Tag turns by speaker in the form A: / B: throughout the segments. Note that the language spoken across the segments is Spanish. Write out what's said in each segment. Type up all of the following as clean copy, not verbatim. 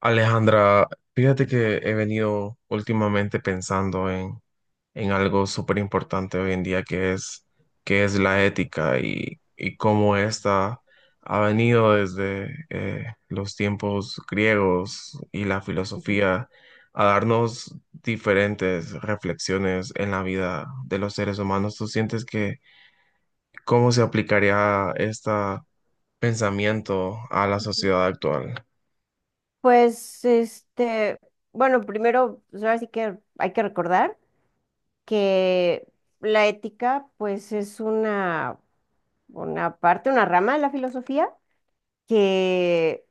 A: Alejandra, fíjate que he venido últimamente pensando en algo súper importante hoy en día que es la ética y cómo esta ha venido desde los tiempos griegos y la
B: Ujú,
A: filosofía a darnos diferentes reflexiones en la vida de los seres humanos. ¿Tú sientes que cómo se aplicaría este pensamiento a la
B: ujú.
A: sociedad actual?
B: Pues bueno, primero, pues ahora sí que hay que recordar que la ética, pues es una parte, una rama de la filosofía que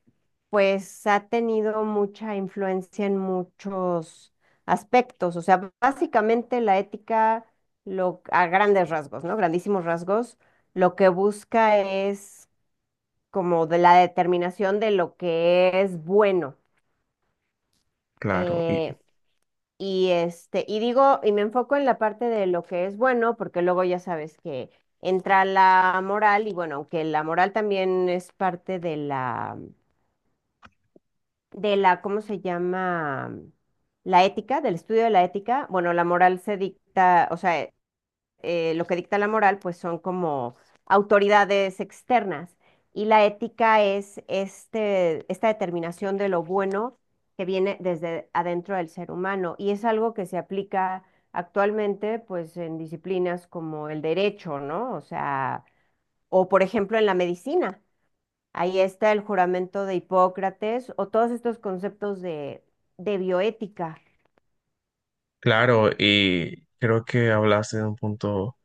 B: pues ha tenido mucha influencia en muchos aspectos. O sea, básicamente la ética, a grandes rasgos, ¿no? Grandísimos rasgos, lo que busca es como de la determinación de lo que es bueno.
A: Claro, y
B: Eh, y y me enfoco en la parte de lo que es bueno, porque luego ya sabes que entra la moral, y bueno, aunque la moral también es parte de la, ¿cómo se llama? La ética, del estudio de la ética. Bueno, la moral se dicta, o sea, lo que dicta la moral, pues son como autoridades externas. Y la ética es esta determinación de lo bueno que viene desde adentro del ser humano. Y es algo que se aplica actualmente, pues, en disciplinas como el derecho, ¿no? O sea, o por ejemplo en la medicina. Ahí está el juramento de Hipócrates o todos estos conceptos de, bioética.
A: Claro, y creo que hablaste de un punto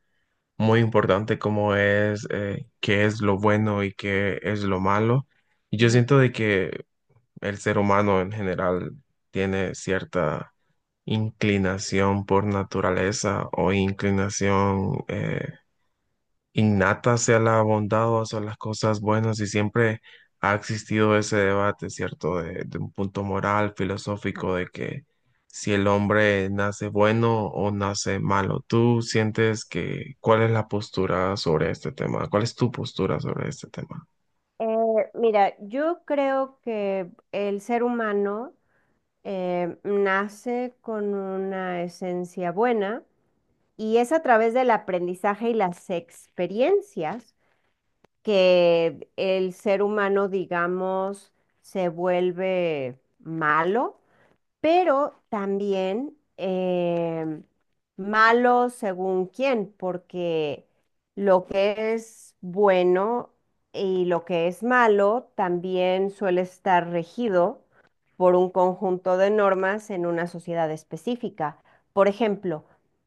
A: muy importante como es qué es lo bueno y qué es lo malo. Y yo
B: Ujú.
A: siento de que el ser humano en general tiene cierta inclinación por naturaleza o inclinación innata sea la bondad o hacia las cosas buenas, y siempre ha existido ese debate, ¿cierto? De un punto moral, filosófico, de que si el hombre nace bueno o nace malo. ¿Tú sientes que cuál es la postura sobre este tema? ¿Cuál es tu postura sobre este tema?
B: Mira, yo creo que el ser humano nace con una esencia buena y es a través del aprendizaje y las experiencias que el ser humano, digamos, se vuelve malo, pero también malo según quién, porque lo que es bueno y lo que es malo también suele estar regido por un conjunto de normas en una sociedad específica. Por ejemplo,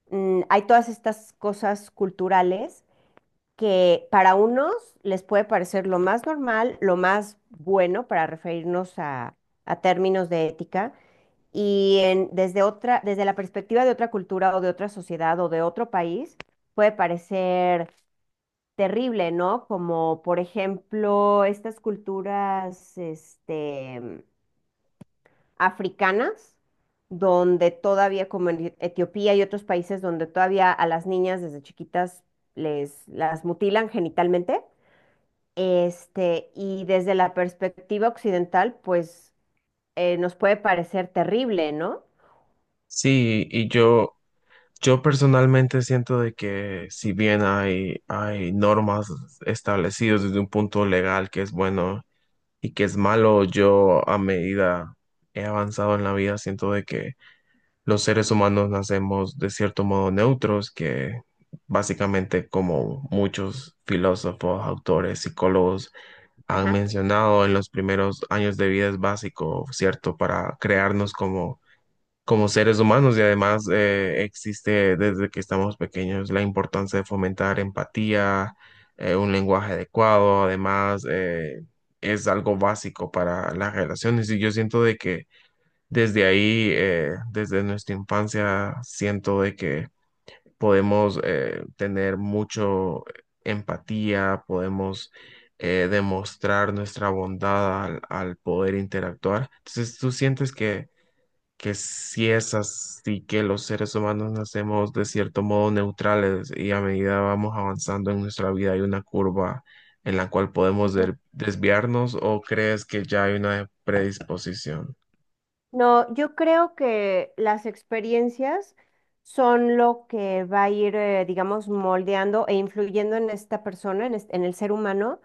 B: hay todas estas cosas culturales que para unos les puede parecer lo más normal, lo más bueno para referirnos a términos de ética, y desde desde la perspectiva de otra cultura o de otra sociedad o de otro país, puede parecer terrible, ¿no? Como por ejemplo estas culturas, africanas, donde todavía, como en Etiopía y otros países donde todavía a las niñas desde chiquitas les las mutilan genitalmente. Y desde la perspectiva occidental, pues nos puede parecer terrible, ¿no?
A: Sí, y yo personalmente siento de que si bien hay normas establecidas desde un punto legal que es bueno y que es malo. Yo a medida he avanzado en la vida, siento de que los seres humanos nacemos de cierto modo neutros, que básicamente como muchos filósofos, autores, psicólogos han
B: Ajá.
A: mencionado, en los primeros años de vida es básico, ¿cierto?, para crearnos como seres humanos. Y además, existe desde que estamos pequeños la importancia de fomentar empatía, un lenguaje adecuado. Además, es algo básico para las relaciones, y yo siento de que desde ahí, desde nuestra infancia, siento de que podemos, tener mucho empatía, podemos demostrar nuestra bondad al poder interactuar. Entonces, ¿tú sientes que si es así, que los seres humanos nacemos de cierto modo neutrales y a medida vamos avanzando en nuestra vida hay una curva en la cual podemos desviarnos, o crees que ya hay una predisposición?
B: No, yo creo que las experiencias son lo que va a ir, digamos, moldeando e influyendo en esta persona, en el ser humano,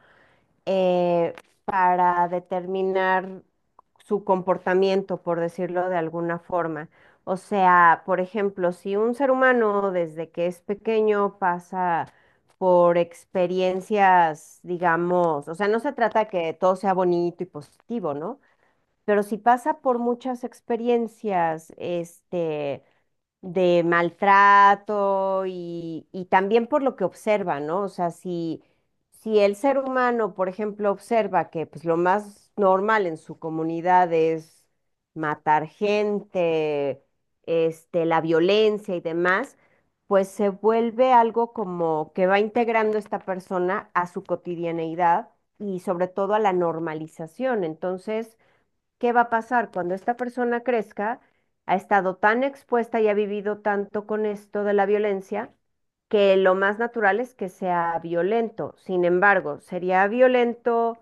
B: eh, para determinar su comportamiento, por decirlo de alguna forma. O sea, por ejemplo, si un ser humano desde que es pequeño pasa por experiencias, digamos, o sea, no se trata que todo sea bonito y positivo, ¿no? Pero si pasa por muchas experiencias, de maltrato y también por lo que observa, ¿no? O sea, si el ser humano, por ejemplo, observa que pues, lo más normal en su comunidad es matar gente, la violencia y demás, pues se vuelve algo como que va integrando esta persona a su cotidianeidad y sobre todo a la normalización. Entonces, ¿qué va a pasar cuando esta persona crezca? Ha estado tan expuesta y ha vivido tanto con esto de la violencia que lo más natural es que sea violento. Sin embargo, sería violento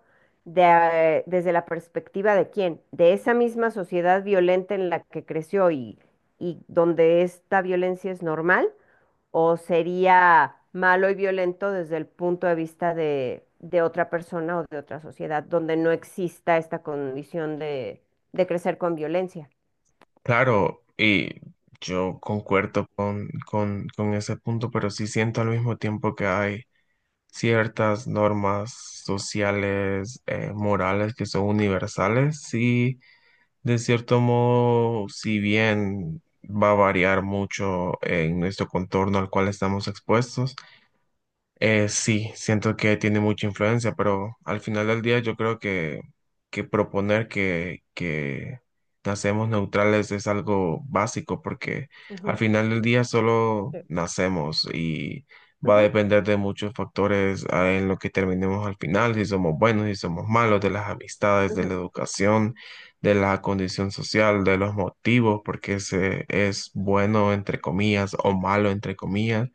B: desde la perspectiva de quién, de esa misma sociedad violenta en la que creció y donde esta violencia es normal, o sería malo y violento desde el punto de vista de, otra persona o de otra sociedad, donde no exista esta condición de, crecer con violencia.
A: Claro, y yo concuerdo con ese punto, pero sí siento al mismo tiempo que hay ciertas normas sociales, morales, que son universales, sí. De cierto modo, si bien va a variar mucho en nuestro contorno al cual estamos expuestos, sí, siento que tiene mucha influencia, pero al final del día yo creo que proponer que nacemos neutrales es algo básico, porque al
B: Ujú,
A: final del día solo
B: sí.
A: nacemos, y va a
B: Ujú,
A: depender de muchos factores en lo que terminemos al final: si somos buenos, si somos malos, de las amistades, de
B: ujú,
A: la educación, de la condición social, de los motivos, porque se es bueno entre comillas o malo entre comillas.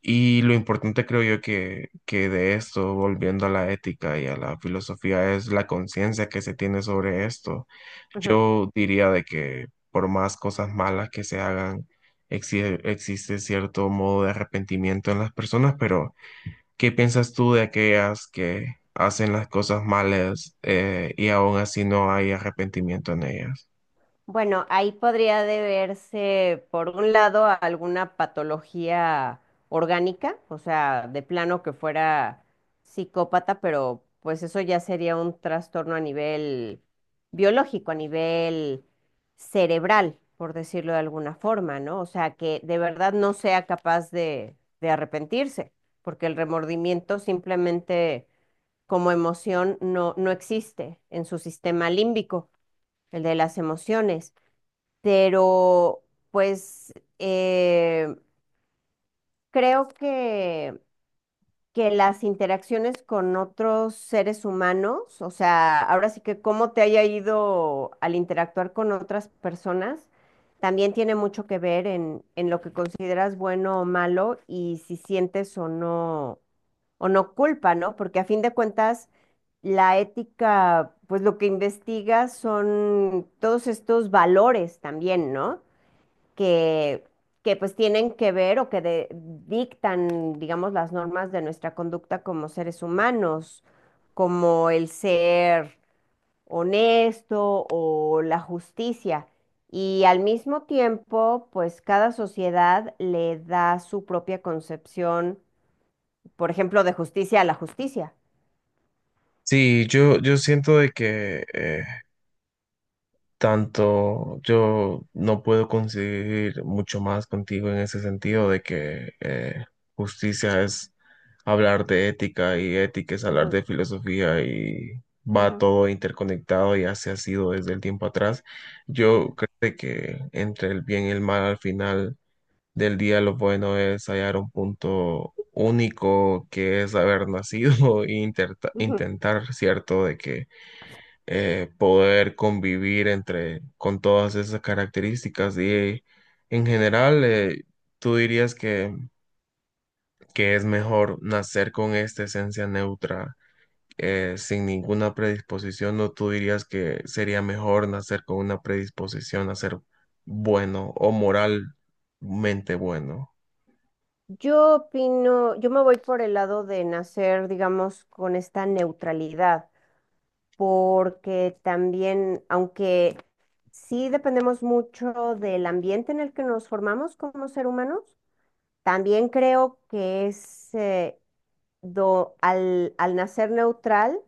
A: Y lo importante creo yo que de esto, volviendo a la ética y a la filosofía, es la conciencia que se tiene sobre esto.
B: ujú.
A: Yo diría de que por más cosas malas que se hagan, existe cierto modo de arrepentimiento en las personas, pero ¿qué piensas tú de aquellas que hacen las cosas malas y aún así no hay arrepentimiento en ellas?
B: Bueno, ahí podría deberse, por un lado, a alguna patología orgánica, o sea, de plano que fuera psicópata, pero pues eso ya sería un trastorno a nivel biológico, a nivel cerebral, por decirlo de alguna forma, ¿no? O sea, que de verdad no sea capaz de, arrepentirse, porque el remordimiento simplemente como emoción no, no existe en su sistema límbico, el de las emociones. Pero pues eh, creo que, las interacciones con otros seres humanos, o sea, ahora sí que cómo te haya ido al interactuar con otras personas, también tiene mucho que ver en, lo que consideras bueno o malo y si sientes o no culpa, ¿no? Porque a fin de cuentas, la ética, pues lo que investiga son todos estos valores también, ¿no? que, que pues tienen que ver o que dictan, digamos, las normas de nuestra conducta como seres humanos, como el ser honesto o la justicia. Y al mismo tiempo, pues cada sociedad le da su propia concepción, por ejemplo, de justicia a la justicia.
A: Sí, yo siento de que, tanto yo no puedo conseguir mucho más contigo en ese sentido, de que, justicia es hablar de ética, y ética es hablar
B: Ujú,
A: de filosofía, y va
B: ujú,
A: todo interconectado, y así ha sido desde el tiempo atrás.
B: sí.
A: Yo creo que entre el bien y el mal, al final del día lo bueno es hallar un punto único, que es haber nacido e
B: Ujú.
A: intentar, ¿cierto? De que, poder convivir entre, con todas esas características. Y en general, tú dirías que es mejor nacer con esta esencia neutra, sin ninguna predisposición, o tú dirías que sería mejor nacer con una predisposición a ser bueno, o moralmente bueno.
B: Yo opino, yo me voy por el lado de nacer, digamos, con esta neutralidad, porque también, aunque sí dependemos mucho del ambiente en el que nos formamos como ser humanos, también creo que es al nacer neutral,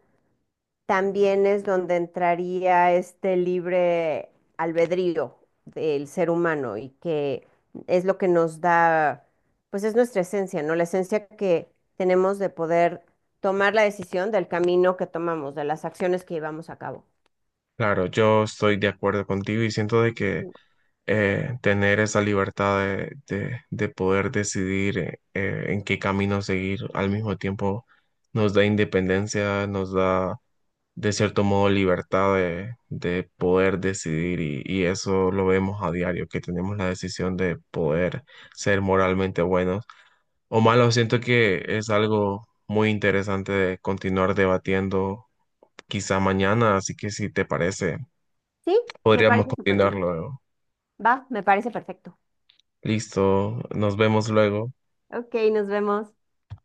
B: también es donde entraría este libre albedrío del ser humano, y que es lo que nos da, pues es nuestra esencia, ¿no? La esencia que tenemos de poder tomar la decisión del camino que tomamos, de las acciones que llevamos a cabo.
A: Claro, yo estoy de acuerdo contigo, y siento de que, tener esa libertad de poder decidir en qué camino seguir, al mismo tiempo nos da independencia, nos da de cierto modo libertad de poder decidir, y eso lo vemos a diario, que tenemos la decisión de poder ser moralmente buenos o
B: Sí.
A: malos. Siento que es algo muy interesante de continuar debatiendo quizá mañana, así que si te parece,
B: Sí, me
A: podríamos
B: parece súper
A: continuar
B: bien.
A: luego.
B: Va, me parece perfecto.
A: Listo, nos vemos luego.
B: Ok, nos vemos.